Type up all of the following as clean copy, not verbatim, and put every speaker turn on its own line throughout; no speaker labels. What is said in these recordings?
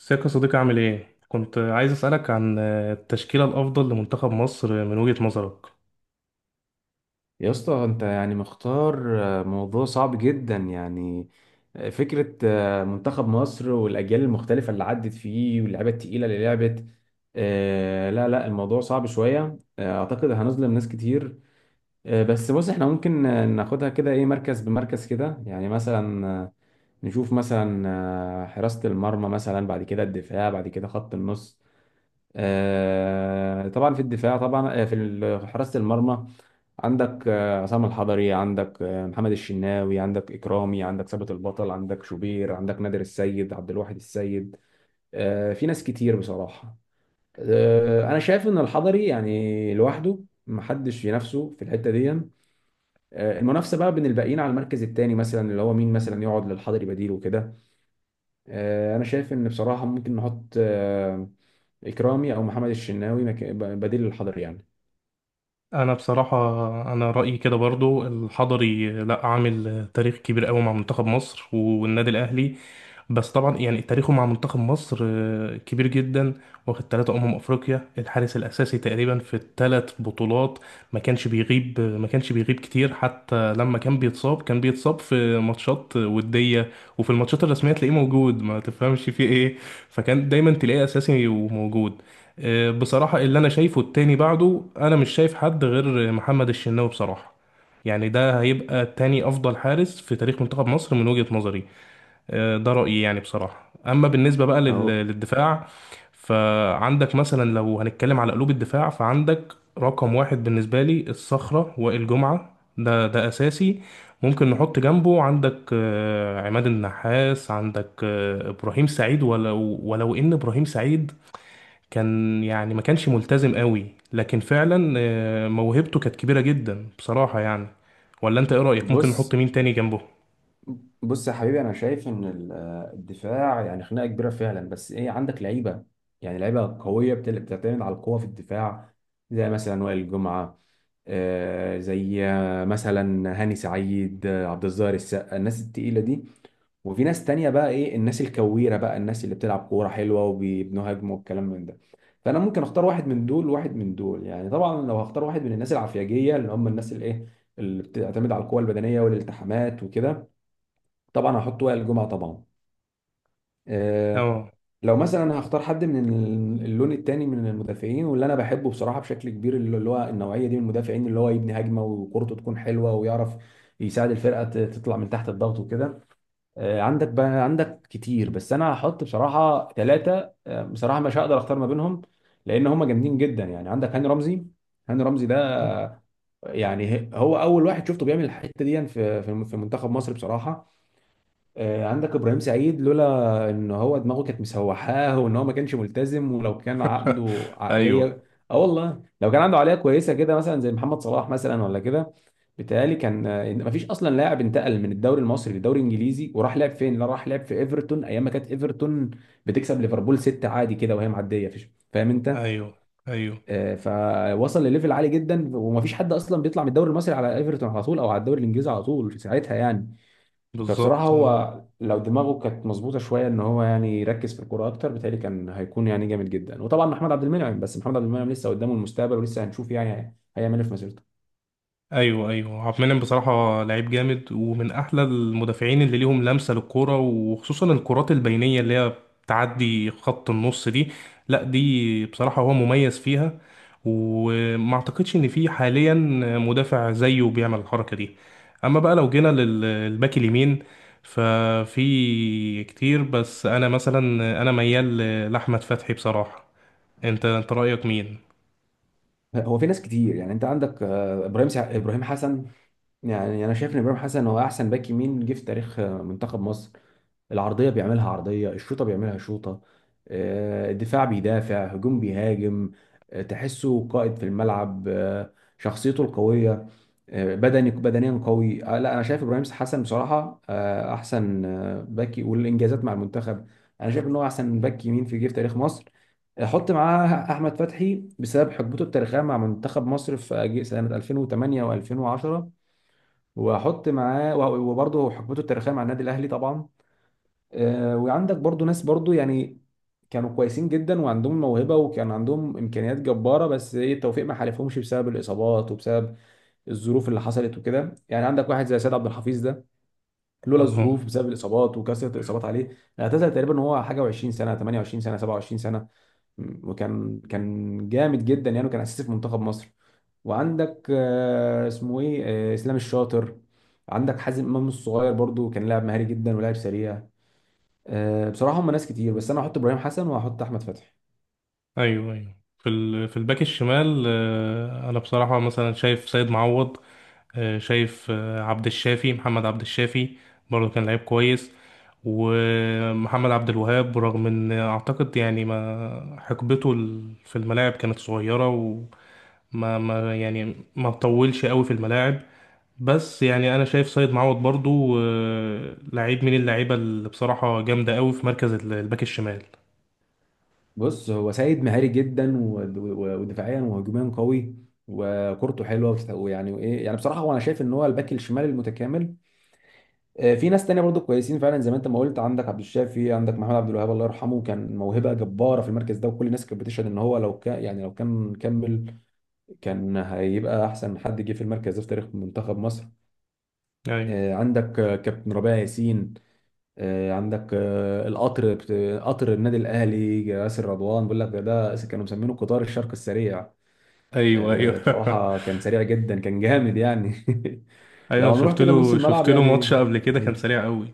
ازيك يا صديقي عامل ايه؟ كنت عايز اسألك عن التشكيلة الأفضل لمنتخب مصر من وجهة نظرك.
يا اسطى انت يعني مختار، موضوع صعب جدا يعني. فكرة، منتخب مصر والأجيال المختلفة اللي عدت فيه واللعيبة التقيلة اللي لعبت. لا لا، الموضوع صعب شوية. أعتقد هنظلم ناس كتير. بس بص، احنا ممكن ناخدها كده، ايه، مركز بمركز كده يعني، مثلا نشوف مثلا حراسة المرمى، مثلا بعد كده الدفاع، بعد كده خط النص. طبعا في الدفاع طبعا، في حراسة المرمى. عندك عصام الحضري، عندك محمد الشناوي، عندك إكرامي، عندك ثابت البطل، عندك شوبير، عندك نادر السيد، عبد الواحد السيد. في ناس كتير بصراحة. أنا شايف إن الحضري يعني لوحده، محدش ينافسه في الحتة دي. المنافسة بقى بين الباقيين على المركز التاني، مثلا اللي هو مين مثلا يقعد للحضري بديل وكده. أنا شايف إن بصراحة ممكن نحط إكرامي أو محمد الشناوي بديل للحضري يعني.
انا بصراحه انا رايي كده برضو الحضري لا عامل تاريخ كبير قوي مع منتخب مصر والنادي الاهلي. بس طبعا يعني تاريخه مع منتخب مصر كبير جدا. واخد ثلاثة افريقيا، الحارس الاساسي تقريبا في الثلاث بطولات. ما كانش بيغيب كتير، حتى لما كان بيتصاب في ماتشات وديه، وفي الماتشات الرسميه تلاقيه موجود ما تفهمش فيه ايه. فكان دايما تلاقيه اساسي وموجود. بصراحة اللي أنا شايفه التاني بعده، أنا مش شايف حد غير محمد الشناوي بصراحة. يعني ده هيبقى تاني أفضل حارس في تاريخ منتخب مصر من وجهة نظري. ده رأيي يعني بصراحة. أما بالنسبة بقى
اهو.
للدفاع، فعندك مثلا لو هنتكلم على قلوب الدفاع، فعندك رقم واحد بالنسبة لي الصخرة وائل جمعة، ده أساسي. ممكن نحط جنبه عندك عماد النحاس، عندك إبراهيم سعيد. ولو إن إبراهيم سعيد كان يعني ما كانش ملتزم قوي، لكن فعلا موهبته كانت كبيرة جدا بصراحة يعني. ولا انت ايه رأيك؟ ممكن نحط
بص،
مين تاني جنبه؟
يا حبيبي، انا شايف ان الدفاع يعني خناقه كبيره فعلا، بس ايه، عندك لعيبه، يعني لعيبه قويه، بتعتمد على القوه في الدفاع، زي مثلا وائل جمعه، زي مثلا هاني سعيد، عبد الظاهر السقا، الناس التقيله دي. وفي ناس تانية بقى، ايه، الناس الكويره بقى، الناس اللي بتلعب كوره حلوه وبيبنوا هجمه والكلام من ده. فانا ممكن اختار واحد من دول وواحد من دول يعني، طبعا لو هختار واحد من الناس العفياجيه اللي هم الناس اللي ايه، اللي بتعتمد على القوه البدنيه والالتحامات وكده، طبعا هحط وائل الجمعه طبعا. آه
اه.
لو مثلا هختار حد من اللون التاني من المدافعين، واللي انا بحبه بصراحه بشكل كبير، اللي هو النوعيه دي من المدافعين، اللي هو يبني هجمه وكورته تكون حلوه ويعرف يساعد الفرقه تطلع من تحت الضغط وكده. عندك بقى، عندك كتير، بس انا هحط بصراحه ثلاثه، بصراحه مش هقدر اختار ما بينهم، لان هم جامدين جدا يعني. عندك هاني رمزي، هاني رمزي ده يعني هو اول واحد شفته بيعمل الحته دي في منتخب مصر بصراحه. عندك ابراهيم سعيد، لولا ان هو دماغه كانت مسوحاه وان هو ما كانش ملتزم، ولو كان عنده
ايوه
عقليه، اه والله، لو كان عنده عقليه كويسه كده مثلا زي محمد صلاح مثلا ولا كده، بيتهيألي كان، ما فيش اصلا لاعب انتقل من الدوري المصري للدوري الانجليزي وراح لعب فين؟ لا، راح لعب في ايفرتون ايام ما كانت ايفرتون بتكسب ليفربول ستة عادي كده وهي معديه، فيش، فاهم انت؟
ايوه ايوه،
آه، فوصل لليفل عالي جدا، وما فيش حد اصلا بيطلع من الدوري المصري على ايفرتون على طول، او على الدوري الانجليزي على طول في ساعتها يعني. فبصراحة
بالظبط آه.
هو لو دماغه كانت مظبوطة شوية ان هو يعني يركز في الكورة اكتر، بتهيألي كان هيكون يعني جامد جدا. وطبعا محمد عبد المنعم، بس محمد عبد المنعم لسه قدامه المستقبل، ولسه هنشوف يعني هيعمل ايه في مسيرته.
ايوه ايوه، عبد المنعم بصراحه لعيب جامد، ومن احلى المدافعين اللي ليهم لمسه للكوره، وخصوصا الكرات البينيه اللي هي بتعدي خط النص دي. لا دي بصراحه هو مميز فيها، وما اعتقدش ان في حاليا مدافع زيه بيعمل الحركه دي. اما بقى لو جينا للباك اليمين ففي كتير، بس انا مثلا انا ميال لاحمد فتحي بصراحه. انت رايك مين؟
هو في ناس كتير يعني، انت عندك ابراهيم حسن. يعني انا شايف ان ابراهيم حسن هو احسن باك يمين جه في تاريخ منتخب مصر. العرضية بيعملها عرضية، الشوطة بيعملها شوطة. الدفاع بيدافع، هجوم بيهاجم. تحسه قائد في الملعب، شخصيته القوية، بدني، بدنيا قوي. لا، أنا شايف إبراهيم حسن بصراحة أحسن باك، والإنجازات مع المنتخب، أنا شايف إن هو أحسن باك يمين في جه في تاريخ مصر. حط معاه أحمد فتحي بسبب حقبته التاريخية مع منتخب مصر في سنة 2008 و2010، وأحط معاه وبرضه حقبته التاريخية مع النادي الأهلي طبعا. وعندك برضو ناس برضو يعني كانوا كويسين جدا وعندهم موهبة وكان عندهم إمكانيات جبارة، بس إيه، التوفيق ما حالفهمش بسبب الإصابات وبسبب الظروف اللي حصلت وكده يعني. عندك واحد زي سيد عبد الحفيظ ده، لولا
اه،
الظروف، بسبب الإصابات وكثرة الإصابات عليه اعتزل تقريبا وهو حاجة و20 سنة، 28 سنة، 27 سنة. وكان جامد جدا يعني، وكان أساسي في منتخب مصر. وعندك اسمه إيه، إسلام الشاطر. عندك حازم إمام الصغير برضو، كان لاعب مهاري جدا ولاعب سريع. بصراحة هم ناس كتير، بس أنا هحط إبراهيم حسن وهحط أحمد فتحي.
ايوه ايوه. في في الباك الشمال، انا بصراحه مثلا شايف سيد معوض، شايف عبد الشافي محمد عبد الشافي، برضه كان لعيب كويس. ومحمد عبد الوهاب، برغم ان اعتقد يعني ما حقبته في الملاعب كانت صغيره، ما يعني ما طولش قوي في الملاعب. بس يعني انا شايف سيد معوض برضه لعيب من اللعيبه اللي بصراحه جامده قوي في مركز الباك الشمال.
بص، هو سيد مهاري جدا ودفاعيا وهجوميا قوي، وكورته حلوة، ويعني، وإيه يعني، بصراحة هو أنا شايف إن هو الباك الشمال المتكامل. في ناس تانية برضو كويسين فعلا زي ما أنت ما قلت. عندك عبد الشافي، عندك محمد عبد الوهاب الله يرحمه، كان موهبة جبارة في المركز ده، وكل الناس كانت بتشهد إن هو لو كان يعني لو كان كمل، كان هيبقى أحسن حد جه في المركز ده في تاريخ منتخب مصر.
ايوه
عندك كابتن ربيع ياسين. عندك قطر النادي الاهلي، ياسر رضوان بيقول لك ده كانوا مسمينه قطار الشرق السريع.
ايوه ايوه.
بصراحه كان سريع جدا، كان جامد يعني.
ايوه،
لو هنروح كده لنص الملعب
شفت له ماتش
يعني،
قبل كده كان سريع قوي.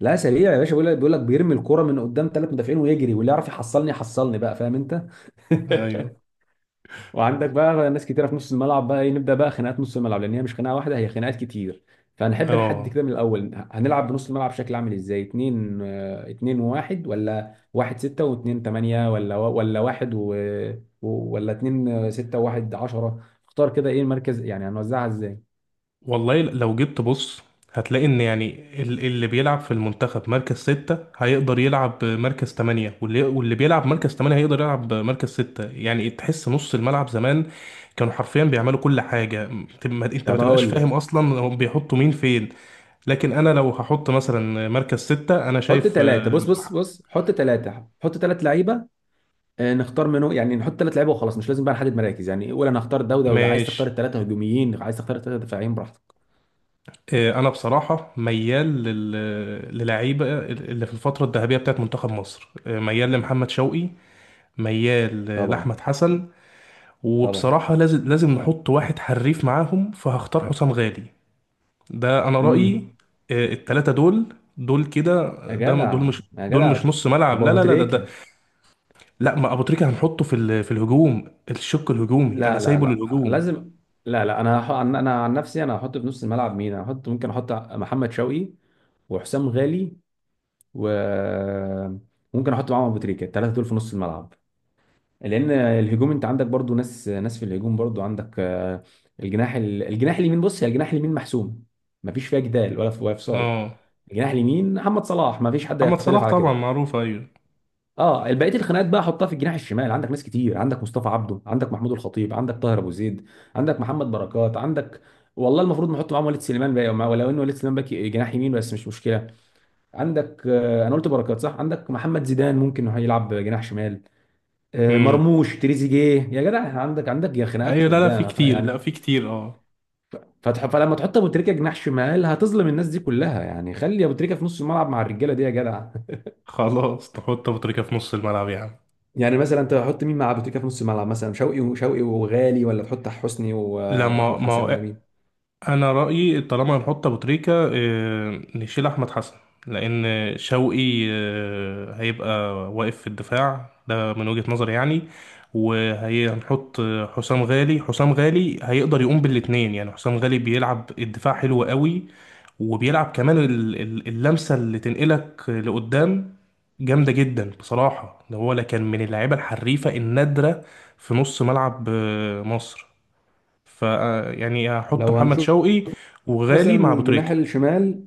لا سريع يا باشا، بيقول لك بيرمي الكرة من قدام ثلاث مدافعين ويجري، واللي يعرف يحصلني، يحصلني بقى، فاهم انت؟
ايوه،
وعندك بقى ناس كتيره في نص الملعب بقى، ايه، نبدا بقى خناقات نص الملعب، لان هي مش خناقه واحده، هي خناقات كتير. فهنحب نحدد
اه.
كده من الاول، هنلعب بنص الملعب بشكل عامل ازاي، اتنين اتنين وواحد، ولا واحد ستة واتنين تمانية، ولا واحد و... ولا اتنين ستة وواحد عشرة. اختار كده ايه المركز يعني، هنوزعها ازاي؟
والله لو جبت، بص هتلاقي ان يعني اللي بيلعب في المنتخب مركز ستة هيقدر يلعب مركز تمانية، واللي بيلعب مركز تمانية هيقدر يلعب مركز ستة. يعني تحس نص الملعب زمان كانوا حرفيا بيعملوا كل حاجة. انت ما
طب
تبقاش
هقول
فاهم
لك،
اصلا هم بيحطوا مين فين. لكن انا لو هحط مثلا مركز ستة انا
حط
شايف
ثلاثة، بص، بص حط ثلاثة، حط ثلاث لعيبة. نختار منه يعني، نحط ثلاث لعيبة وخلاص، مش لازم بقى نحدد مراكز يعني، قول انا هختار ده وده وده، عايز
ماشي.
تختار الثلاثة هجوميين، عايز تختار الثلاثة دفاعيين، براحتك.
انا بصراحه ميال للعيبه اللي في الفتره الذهبيه بتاعت منتخب مصر. ميال لمحمد شوقي، ميال
طبعا.
لاحمد حسن.
طبعا.
وبصراحه لازم نحط واحد حريف معاهم، فهختار حسام غالي. ده انا رايي.
امم
التلاته دول دول كده.
يا
ده دول
جدع
مش
يا
دول
جدع،
مش نص ملعب،
طب
لا
ابو
لا لا، ده.
تريكه؟
لا، ما ابو تريكه هنحطه في في الهجوم، الشق الهجومي، انا
لا لا
سايبه
لا،
للهجوم.
لازم. لا لا، انا انا عن نفسي، انا هحط في نص الملعب مين، انا هحط، ممكن احط محمد شوقي وحسام غالي و ممكن احط معاهم ابو تريكه، الثلاثه دول في نص الملعب. لان الهجوم، انت عندك برضو ناس في الهجوم برضو، عندك الجناح الجناح اليمين، بص يا، الجناح اليمين محسوم، مفيش فيها جدال ولا فصال.
اه،
الجناح اليمين محمد صلاح، مفيش حد
محمد
هيختلف
صلاح
على
طبعا
كده.
معروف. ايوه.
اه، بقيه الخناقات بقى حطها في الجناح الشمال، عندك ناس كتير، عندك مصطفى عبده، عندك محمود الخطيب، عندك طاهر ابو زيد، عندك محمد بركات، عندك، والله المفروض نحط معاهم وليد سليمان بقى، ولو ان وليد سليمان باك جناح يمين، بس مش مشكله. عندك انا قلت بركات صح، عندك محمد زيدان ممكن إنه يلعب جناح شمال.
امم.
مرموش، تريزيجيه، يا جدع، عندك يا خناقات
ايوه، لا لا، في
قدام،
كتير، لا
يعني،
في كتير، اه.
فتح، فلما تحط ابو تريكه جناح شمال هتظلم الناس دي كلها يعني، خلي ابو تريكه في نص الملعب مع الرجاله دي يا جدع.
خلاص، تحط ابو تريكه في نص الملعب يا عم.
يعني مثلا انت هتحط مين مع ابو تريكه في نص الملعب؟ مثلا شوقي وغالي، ولا تحط حسني
لا،
واحمد
ما
حسن، ولا
هو
مين؟
انا رايي طالما هنحط ابو تريكه نشيل احمد حسن. لان شوقي هيبقى واقف في الدفاع ده من وجهه نظري يعني. وهنحط حسام غالي. حسام غالي هيقدر يقوم بالاتنين. يعني حسام غالي بيلعب الدفاع حلو قوي، وبيلعب كمان اللمسة اللي تنقلك لقدام جامدة جدا بصراحة. ده هو لا كان من اللعيبة الحريفة النادرة في نص ملعب مصر. ف آه، يعني هحط
لو
محمد
هنشوف
شوقي
مثلا
وغالي مع أبو
الجناح
تريكة.
الشمال،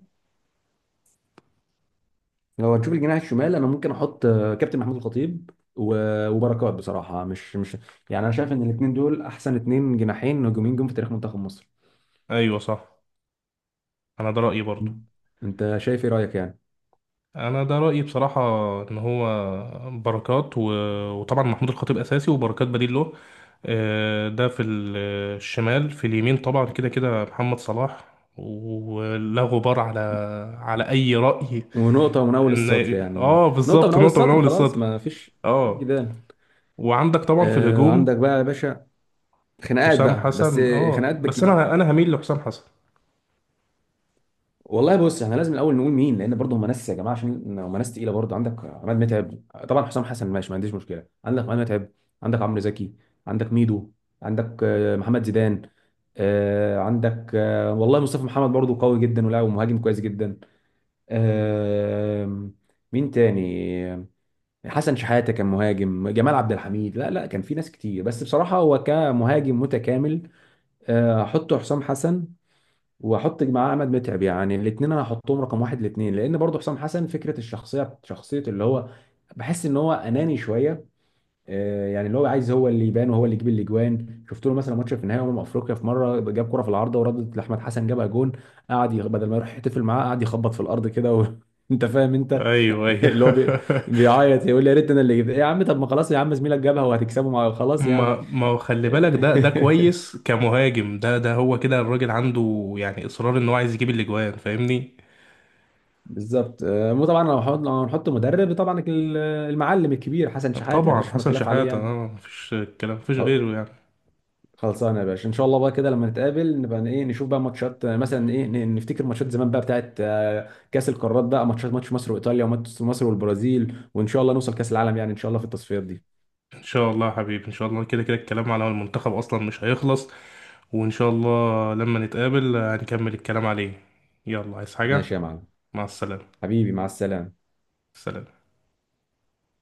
لو هنشوف الجناح الشمال، انا ممكن احط كابتن محمود الخطيب وبركات بصراحه، مش يعني، انا شايف ان الاثنين دول احسن اثنين جناحين هجوميين جم في تاريخ منتخب مصر.
أيوة صح، أنا ده رأيي برضو.
انت شايف، ايه رايك يعني؟
أنا ده رأيي بصراحة، إن هو بركات وطبعا محمود الخطيب أساسي، وبركات بديل له. ده في الشمال. في اليمين طبعا كده كده محمد صلاح، ولا غبار على اي رأي.
ونقطه من اول
ان
السطر يعني،
اه،
نقطه من
بالظبط،
اول
نقطة من
السطر،
اول
خلاص
السطر.
ما فيش، مفيش
اه.
جدال.
وعندك طبعا في الهجوم
عندك بقى يا باشا خناقات
حسام
بقى، بس
حسن، اه،
خناقات
بس
بالكتير.
انا هميل لحسام حسن.
والله بص احنا لازم الاول نقول مين، لان برضه هم ناس يا جماعه، عشان هم ناس تقيله برضه. عندك عماد متعب، طبعا حسام حسن، ماشي، ما عنديش مشكله، عندك عماد متعب، عندك عمرو زكي، عندك ميدو، عندك محمد زيدان، عندك والله مصطفى محمد برضه قوي جدا، ولاعب مهاجم كويس جدا. آه، مين تاني؟ حسن شحاته كان مهاجم، جمال عبد الحميد، لا لا كان في ناس كتير، بس بصراحه هو كمهاجم متكامل. حطه حسام حسن، واحط معاه عماد متعب، يعني الاثنين انا هحطهم رقم واحد الاثنين، لان برضو حسام حسن فكره الشخصيه، شخصيه اللي هو بحس ان هو اناني شويه. يعني اللي هو عايز هو اللي يبان وهو اللي يجيب الاجوان. شفت له مثلا ماتش في نهائي افريقيا، في مره جاب كره في العارضه وردت لاحمد حسن جابها جون. بدل ما يروح يحتفل معاه قعد يخبط في الارض كده و... انت فاهم انت؟
ايوه ايوه.
اللي هو بي... بيعيط يقول لي يا ريت انا اللي جبت، إيه يا عم، طب ما خلاص يا عم، زميلك جابها وهتكسبه مع، خلاص يعني.
ما هو خلي بالك، ده كويس كمهاجم، ده هو كده، الراجل عنده يعني اصرار ان هو عايز يجيب الاجوان، فاهمني.
بالظبط. طبعا، لو هنحط مدرب، طبعا المعلم الكبير حسن شحاته،
طبعا
مفيش
حسن
خلاف عليه
شحاتة،
يعني.
اه، مفيش كلام، مفيش
خل-
غيره يعني.
خلصانه يا باشا، ان شاء الله بقى كده لما نتقابل نبقى، ايه، نشوف بقى ماتشات مثلا، ايه، نفتكر ماتشات زمان بقى بتاعت كاس القارات بقى، ماتشات، ماتش مصر وايطاليا، وماتش مصر والبرازيل، وان شاء الله نوصل كاس العالم يعني، ان شاء الله في التصفيات دي.
ان شاء الله يا حبيبي، ان شاء الله، كده كده الكلام على المنتخب اصلا مش هيخلص. وان شاء الله لما نتقابل هنكمل الكلام عليه. يلا، عايز حاجة؟
ماشي يا معلم.
مع السلامة.
حبيبي، مع السلامه.
سلام.